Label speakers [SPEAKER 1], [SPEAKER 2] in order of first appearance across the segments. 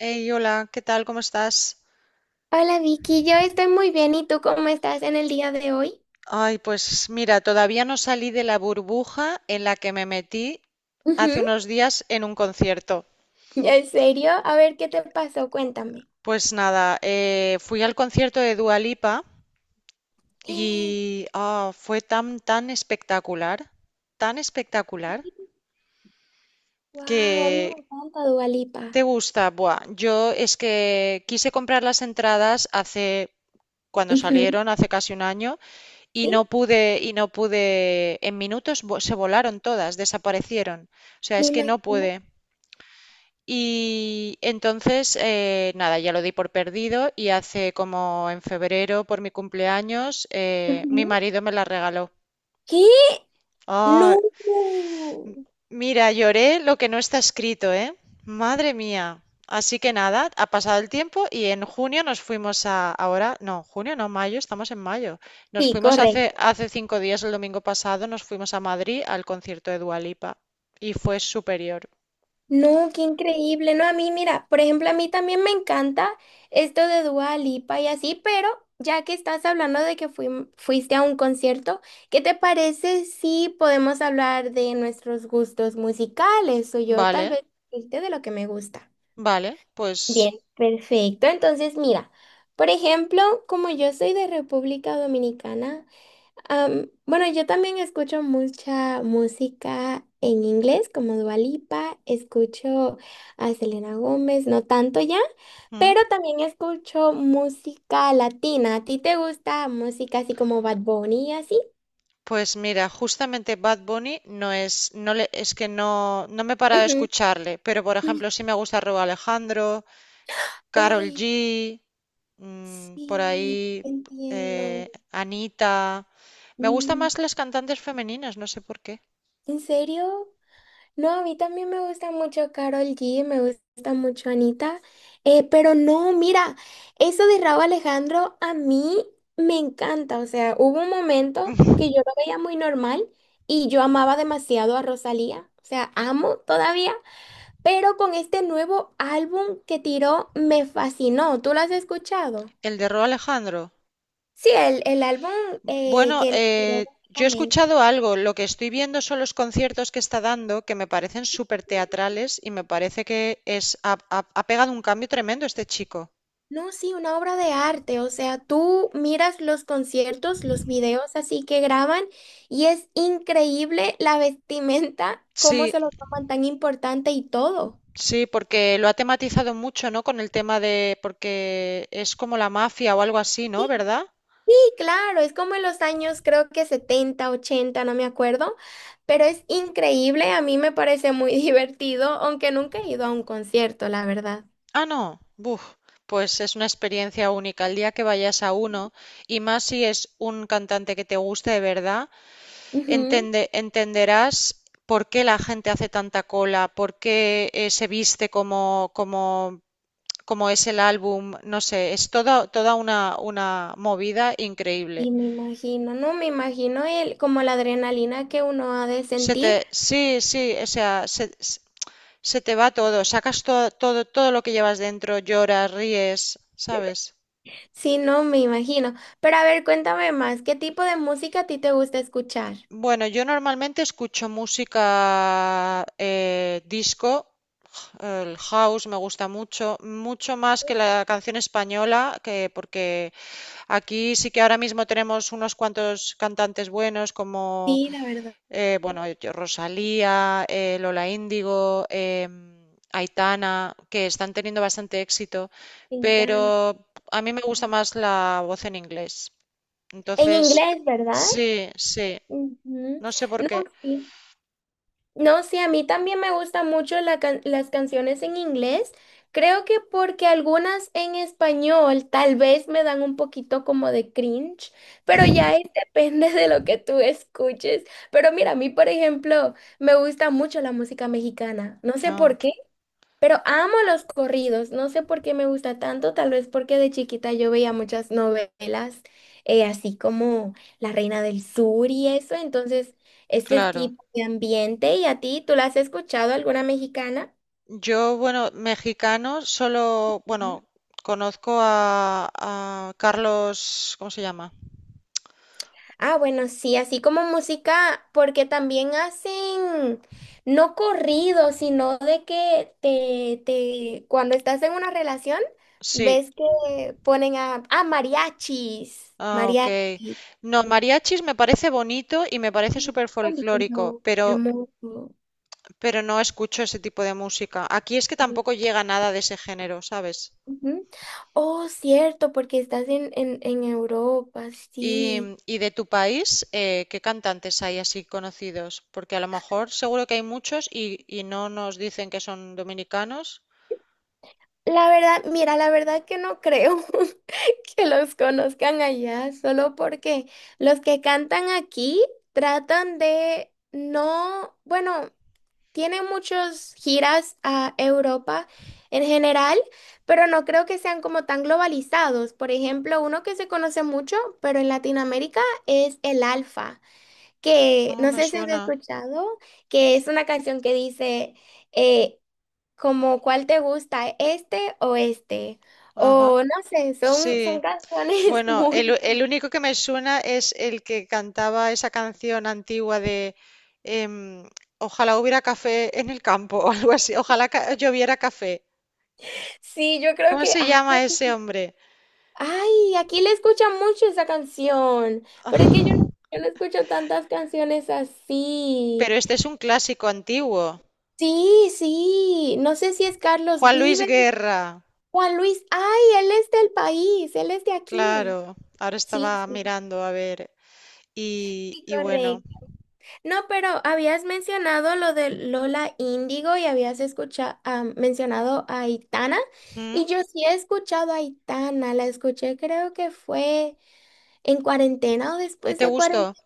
[SPEAKER 1] Hey, hola, ¿qué tal? ¿Cómo estás?
[SPEAKER 2] Hola Vicky, yo estoy muy bien. ¿Y tú cómo estás en el día de hoy?
[SPEAKER 1] Ay, pues mira, todavía no salí de la burbuja en la que me metí hace
[SPEAKER 2] Ujú.
[SPEAKER 1] unos días en un concierto.
[SPEAKER 2] ¿En serio? A ver, ¿qué te pasó? Cuéntame.
[SPEAKER 1] Pues nada, fui al concierto de Dua Lipa y fue tan, tan espectacular,
[SPEAKER 2] Wow, a mí
[SPEAKER 1] que
[SPEAKER 2] me encanta Dua Lipa.
[SPEAKER 1] te gusta. Buah, yo es que quise comprar las entradas cuando
[SPEAKER 2] Ujú.
[SPEAKER 1] salieron, hace casi un año,
[SPEAKER 2] ¿Sí?
[SPEAKER 1] y no pude, en minutos se volaron todas, desaparecieron. O sea,
[SPEAKER 2] Me
[SPEAKER 1] es que no
[SPEAKER 2] imagino.
[SPEAKER 1] pude. Y entonces, nada, ya lo di por perdido y hace como en febrero, por mi cumpleaños, mi
[SPEAKER 2] Ujú.
[SPEAKER 1] marido me la regaló.
[SPEAKER 2] ¿Qué?
[SPEAKER 1] Ah,
[SPEAKER 2] No.
[SPEAKER 1] mira, lloré lo que no está escrito, ¿eh? Madre mía. Así que nada, ha pasado el tiempo y en junio nos fuimos a, ahora, no, junio no, mayo, estamos en mayo. Nos
[SPEAKER 2] Sí,
[SPEAKER 1] fuimos hace,
[SPEAKER 2] correcto.
[SPEAKER 1] hace 5 días, el domingo pasado, nos fuimos a Madrid al concierto de Dua Lipa y fue superior.
[SPEAKER 2] No, qué increíble. No, a mí, mira, por ejemplo, a mí también me encanta esto de Dua Lipa y así, pero ya que estás hablando de que fuiste a un concierto, ¿qué te parece si podemos hablar de nuestros gustos musicales? O yo tal
[SPEAKER 1] Vale,
[SPEAKER 2] vez decirte de lo que me gusta.
[SPEAKER 1] vale, pues,
[SPEAKER 2] Bien, perfecto. Entonces, mira, por ejemplo, como yo soy de República Dominicana, bueno, yo también escucho mucha música en inglés, como Dua Lipa, escucho a Selena Gómez, no tanto ya,
[SPEAKER 1] ¿mm?
[SPEAKER 2] pero también escucho música latina. ¿A ti te gusta música así como Bad Bunny y así?
[SPEAKER 1] Pues mira, justamente Bad Bunny no es, no le, es que no, no me he parado de
[SPEAKER 2] Ujú.
[SPEAKER 1] escucharle, pero por ejemplo sí me gusta Raúl Alejandro, Karol G,
[SPEAKER 2] Uy,
[SPEAKER 1] por
[SPEAKER 2] sí,
[SPEAKER 1] ahí
[SPEAKER 2] entiendo.
[SPEAKER 1] eh, Anita. Me gustan
[SPEAKER 2] Mm,
[SPEAKER 1] más las cantantes femeninas, no sé por qué.
[SPEAKER 2] ¿en serio? No, a mí también me gusta mucho Karol G, me gusta mucho Anita, pero no, mira, eso de Rauw Alejandro a mí me encanta, o sea, hubo un momento que yo lo veía muy normal y yo amaba demasiado a Rosalía, o sea, amo todavía, pero con este nuevo álbum que tiró me fascinó, ¿tú lo has escuchado?
[SPEAKER 1] El de Ro Alejandro.
[SPEAKER 2] Sí, el álbum
[SPEAKER 1] Bueno,
[SPEAKER 2] que le tiró.
[SPEAKER 1] yo he escuchado algo, lo que estoy viendo son los conciertos que está dando, que me parecen súper teatrales y me parece que ha pegado un cambio tremendo este chico.
[SPEAKER 2] No, sí, una obra de arte, o sea, tú miras los conciertos, los videos así que graban y es increíble la vestimenta, cómo
[SPEAKER 1] Sí,
[SPEAKER 2] se lo toman tan importante y todo.
[SPEAKER 1] sí, porque lo ha tematizado mucho, ¿no? Con el tema de, porque es como la mafia o algo así, ¿no?
[SPEAKER 2] Sí,
[SPEAKER 1] ¿Verdad?
[SPEAKER 2] sí, claro, es como en los años creo que 70 80 no me acuerdo, pero es increíble, a mí me parece muy divertido, aunque nunca he ido a un concierto, la verdad.
[SPEAKER 1] Ah, no. Buf. Pues es una experiencia única. El día que vayas a uno, y más si es un cantante que te guste de verdad,
[SPEAKER 2] Ujú.
[SPEAKER 1] entenderás por qué la gente hace tanta cola, por qué, se viste como, como, como es el álbum. No sé, es toda, toda una movida
[SPEAKER 2] Y
[SPEAKER 1] increíble.
[SPEAKER 2] me imagino, no me imagino el, como la adrenalina que uno ha de sentir.
[SPEAKER 1] Sí, sí, o sea, se te va todo, sacas todo, todo, todo lo que llevas dentro, lloras, ríes, ¿sabes?
[SPEAKER 2] Sí, no, me imagino. Pero a ver, cuéntame más, ¿qué tipo de música a ti te gusta escuchar?
[SPEAKER 1] Bueno, yo normalmente escucho música, disco, el house me gusta mucho, mucho más que la canción española, que porque aquí sí que ahora mismo tenemos unos cuantos cantantes buenos como
[SPEAKER 2] Sí, la verdad,
[SPEAKER 1] eh, bueno, Rosalía, Lola Índigo, Aitana, que están teniendo bastante éxito,
[SPEAKER 2] me
[SPEAKER 1] pero
[SPEAKER 2] encanta.
[SPEAKER 1] a mí me gusta más la voz en inglés.
[SPEAKER 2] En
[SPEAKER 1] Entonces,
[SPEAKER 2] inglés, ¿verdad?
[SPEAKER 1] sí, sí,
[SPEAKER 2] Ujú.
[SPEAKER 1] no sé por
[SPEAKER 2] No,
[SPEAKER 1] qué.
[SPEAKER 2] sí. No, sí, a mí también me gustan mucho la las canciones en inglés. Creo que porque algunas en español tal vez me dan un poquito como de cringe, pero ya depende de lo que tú escuches. Pero mira, a mí, por ejemplo, me gusta mucho la música mexicana. No sé
[SPEAKER 1] Ah,
[SPEAKER 2] por qué. Pero amo los corridos, no sé por qué me gusta tanto, tal vez porque de chiquita yo veía muchas novelas, así como La Reina del Sur y eso, entonces este
[SPEAKER 1] claro.
[SPEAKER 2] tipo de ambiente. ¿Y a ti, tú la has escuchado alguna mexicana?
[SPEAKER 1] Yo, bueno, mexicano, solo,
[SPEAKER 2] Ujú.
[SPEAKER 1] bueno, conozco a Carlos, ¿cómo se llama?
[SPEAKER 2] Ah, bueno, sí, así como música, porque también hacen, no corrido, sino de que cuando estás en una relación,
[SPEAKER 1] Sí,
[SPEAKER 2] ves que ponen a, ah, mariachis,
[SPEAKER 1] ah, ok.
[SPEAKER 2] mariachis.
[SPEAKER 1] No, mariachis me parece bonito y me parece súper
[SPEAKER 2] Qué
[SPEAKER 1] folclórico,
[SPEAKER 2] lindo,
[SPEAKER 1] pero,
[SPEAKER 2] hermoso.
[SPEAKER 1] pero no escucho ese tipo de música. Aquí es que
[SPEAKER 2] ¿No?
[SPEAKER 1] tampoco llega nada de ese género, ¿sabes?
[SPEAKER 2] Ujú. Oh, cierto, porque estás en Europa,
[SPEAKER 1] Y,
[SPEAKER 2] sí.
[SPEAKER 1] y de tu país, ¿qué cantantes hay así conocidos? Porque a lo mejor seguro que hay muchos y no nos dicen que son dominicanos.
[SPEAKER 2] La verdad, mira, la verdad que no creo que los conozcan allá, solo porque los que cantan aquí tratan de no, bueno. Tiene muchas giras a Europa en general, pero no creo que sean como tan globalizados. Por ejemplo, uno que se conoce mucho, pero en Latinoamérica es el Alfa, que
[SPEAKER 1] Ah,
[SPEAKER 2] no
[SPEAKER 1] me
[SPEAKER 2] sé si has
[SPEAKER 1] suena.
[SPEAKER 2] escuchado, que es una canción que dice eh, como cuál te gusta, este o este.
[SPEAKER 1] Ajá,
[SPEAKER 2] O no sé, son
[SPEAKER 1] sí.
[SPEAKER 2] canciones
[SPEAKER 1] Bueno,
[SPEAKER 2] muy...
[SPEAKER 1] el único que me suena es el que cantaba esa canción antigua de em, ojalá hubiera café en el campo o algo así, ojalá lloviera café.
[SPEAKER 2] Sí, yo creo
[SPEAKER 1] ¿Cómo
[SPEAKER 2] que,
[SPEAKER 1] se
[SPEAKER 2] ay,
[SPEAKER 1] llama ese hombre?
[SPEAKER 2] ay, aquí le escuchan mucho esa canción, pero es que yo no,
[SPEAKER 1] Ah,
[SPEAKER 2] yo no escucho tantas canciones
[SPEAKER 1] pero
[SPEAKER 2] así.
[SPEAKER 1] este es un clásico antiguo.
[SPEAKER 2] Sí, sí, no sé si es Carlos
[SPEAKER 1] Juan Luis
[SPEAKER 2] Vives,
[SPEAKER 1] Guerra,
[SPEAKER 2] Juan Luis, ay, él es del país, él es de aquí.
[SPEAKER 1] claro. Ahora
[SPEAKER 2] Sí,
[SPEAKER 1] estaba
[SPEAKER 2] sí,
[SPEAKER 1] mirando a ver. Y,
[SPEAKER 2] sí,
[SPEAKER 1] y bueno,
[SPEAKER 2] correcto. No, pero habías mencionado lo de Lola Índigo y habías escuchado, mencionado a Aitana,
[SPEAKER 1] ¿mm?
[SPEAKER 2] y yo sí he escuchado a Aitana, la escuché creo que fue en cuarentena o
[SPEAKER 1] ¿Y
[SPEAKER 2] después
[SPEAKER 1] te
[SPEAKER 2] de
[SPEAKER 1] gustó?
[SPEAKER 2] cuarentena.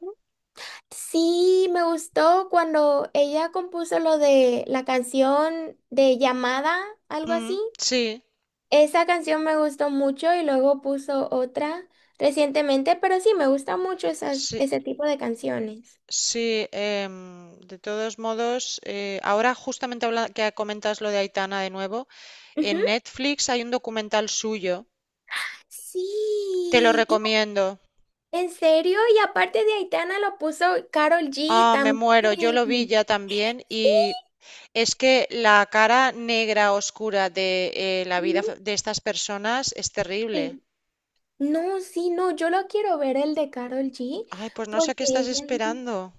[SPEAKER 2] Sí, me gustó cuando ella compuso lo de la canción de llamada, algo así.
[SPEAKER 1] Mm, sí,
[SPEAKER 2] Esa canción me gustó mucho y luego puso otra recientemente, pero sí, me gusta mucho esas,
[SPEAKER 1] sí.
[SPEAKER 2] ese tipo de canciones.
[SPEAKER 1] Sí, de todos modos, ahora justamente que comentas lo de Aitana de nuevo, en
[SPEAKER 2] Ujú.
[SPEAKER 1] Netflix hay un documental suyo, te lo
[SPEAKER 2] Sí,
[SPEAKER 1] recomiendo.
[SPEAKER 2] en serio, y aparte de Aitana lo puso Karol G
[SPEAKER 1] Ah, me
[SPEAKER 2] también.
[SPEAKER 1] muero, yo lo vi ya también y
[SPEAKER 2] Sí.
[SPEAKER 1] es que la cara negra oscura de la
[SPEAKER 2] Ujú.
[SPEAKER 1] vida de estas personas es terrible.
[SPEAKER 2] Sí. No, sí, no, yo lo quiero ver el de Karol G
[SPEAKER 1] Ay, pues no
[SPEAKER 2] porque
[SPEAKER 1] sé qué estás
[SPEAKER 2] ella
[SPEAKER 1] esperando.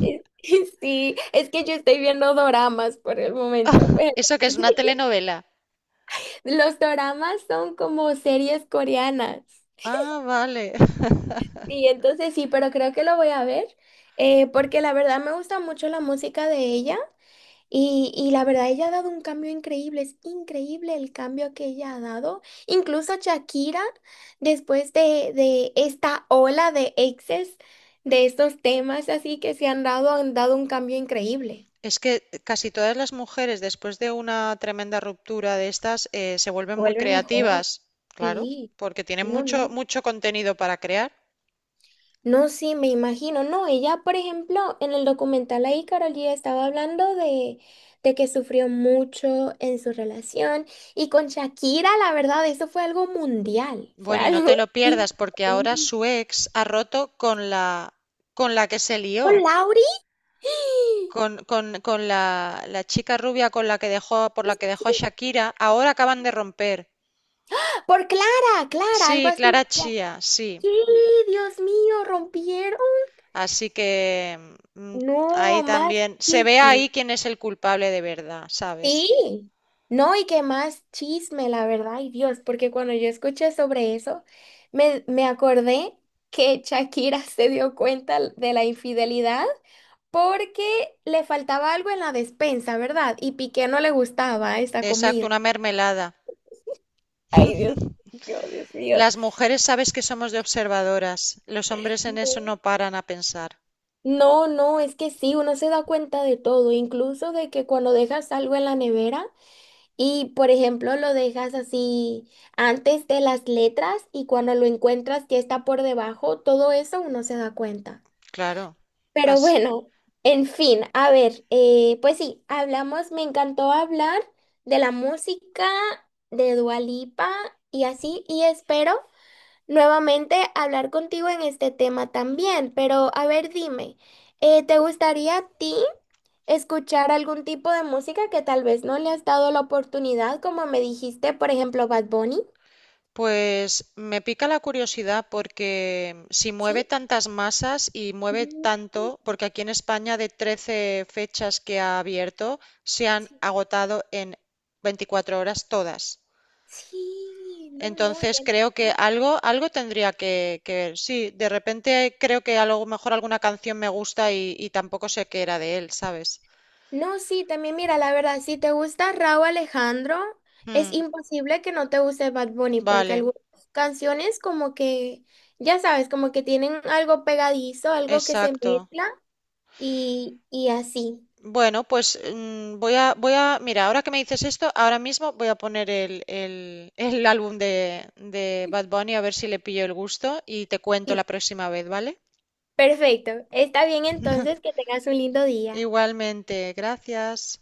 [SPEAKER 2] Es- Sí, es que yo estoy viendo doramas por el momento, pero
[SPEAKER 1] ¿Eso que es una telenovela?
[SPEAKER 2] los doramas son como series coreanas.
[SPEAKER 1] Ah, vale.
[SPEAKER 2] Sí, entonces sí, pero creo que lo voy a ver porque la verdad me gusta mucho la música de ella y la verdad ella ha dado un cambio increíble, es increíble el cambio que ella ha dado. Incluso Shakira, después de esta ola de exes, de estos temas así que se han dado un cambio increíble.
[SPEAKER 1] Es que casi todas las mujeres, después de una tremenda ruptura de estas, se vuelven muy
[SPEAKER 2] Vuelve mejor.
[SPEAKER 1] creativas, claro,
[SPEAKER 2] Sí,
[SPEAKER 1] porque tienen
[SPEAKER 2] no,
[SPEAKER 1] mucho,
[SPEAKER 2] no.
[SPEAKER 1] mucho contenido para crear.
[SPEAKER 2] No, sí, me imagino. No, ella, por ejemplo, en el documental ahí, Karol G estaba hablando de que sufrió mucho en su relación. Y con Shakira, la verdad, eso fue algo mundial. Fue
[SPEAKER 1] Bueno, y no
[SPEAKER 2] algo
[SPEAKER 1] te lo pierdas, porque ahora
[SPEAKER 2] increíble.
[SPEAKER 1] su ex ha roto con la que se
[SPEAKER 2] ¿Con
[SPEAKER 1] lió,
[SPEAKER 2] Lauri?
[SPEAKER 1] con la chica rubia con la que dejó, por
[SPEAKER 2] Sí,
[SPEAKER 1] la que
[SPEAKER 2] sí.
[SPEAKER 1] dejó a Shakira. Ahora acaban de romper.
[SPEAKER 2] Por Clara, Clara, algo
[SPEAKER 1] Sí,
[SPEAKER 2] así,
[SPEAKER 1] Clara
[SPEAKER 2] decía.
[SPEAKER 1] Chía, sí.
[SPEAKER 2] Sí, Dios mío, rompieron.
[SPEAKER 1] Así que ahí
[SPEAKER 2] No, más
[SPEAKER 1] también se ve ahí
[SPEAKER 2] chisme.
[SPEAKER 1] quién es el culpable de verdad, ¿sabes?
[SPEAKER 2] Sí, no, y que más chisme, la verdad, ay Dios, porque cuando yo escuché sobre eso, me acordé que Shakira se dio cuenta de la infidelidad porque le faltaba algo en la despensa, ¿verdad? Y Piqué no le gustaba esa
[SPEAKER 1] Exacto,
[SPEAKER 2] comida.
[SPEAKER 1] una mermelada.
[SPEAKER 2] Ay, Dios mío, Dios mío.
[SPEAKER 1] Las mujeres sabes que somos de observadoras, los hombres en eso
[SPEAKER 2] No,
[SPEAKER 1] no paran a pensar.
[SPEAKER 2] no, no, es que sí, uno se da cuenta de todo, incluso de que cuando dejas algo en la nevera. Y, por ejemplo, lo dejas así antes de las letras y cuando lo encuentras ya está por debajo, todo eso uno se da cuenta.
[SPEAKER 1] Claro.
[SPEAKER 2] Pero
[SPEAKER 1] As-
[SPEAKER 2] bueno, en fin, a ver, pues sí, hablamos, me encantó hablar de la música, de Dua Lipa y así, y espero nuevamente hablar contigo en este tema también, pero a ver, dime, ¿te gustaría a ti escuchar algún tipo de música que tal vez no le has dado la oportunidad, como me dijiste, por ejemplo, Bad Bunny?
[SPEAKER 1] Pues me pica la curiosidad porque si
[SPEAKER 2] ¿Sí?
[SPEAKER 1] mueve tantas masas y mueve
[SPEAKER 2] Mm,
[SPEAKER 1] tanto, porque aquí en España de 13 fechas que ha abierto, se han
[SPEAKER 2] Sí,
[SPEAKER 1] agotado en 24 horas todas.
[SPEAKER 2] Sí,
[SPEAKER 1] Entonces creo que
[SPEAKER 2] ay,
[SPEAKER 1] algo tendría que ver. Sí, de repente creo que a lo mejor alguna canción me gusta y tampoco sé qué era de él, ¿sabes?
[SPEAKER 2] no, sí, también mira, la verdad, si te gusta Rauw Alejandro, es
[SPEAKER 1] Mm,
[SPEAKER 2] imposible que no te guste Bad Bunny, porque
[SPEAKER 1] vale,
[SPEAKER 2] algunas canciones como que, ya sabes, como que tienen algo pegadizo, algo que se
[SPEAKER 1] exacto.
[SPEAKER 2] mezcla y así.
[SPEAKER 1] Bueno, pues mira, ahora que me dices esto, ahora mismo voy a poner el álbum de Bad Bunny a ver si le pillo el gusto y te cuento
[SPEAKER 2] Sí.
[SPEAKER 1] la próxima vez, ¿vale?
[SPEAKER 2] Perfecto. Está bien entonces que tengas un lindo día.
[SPEAKER 1] Igualmente, gracias.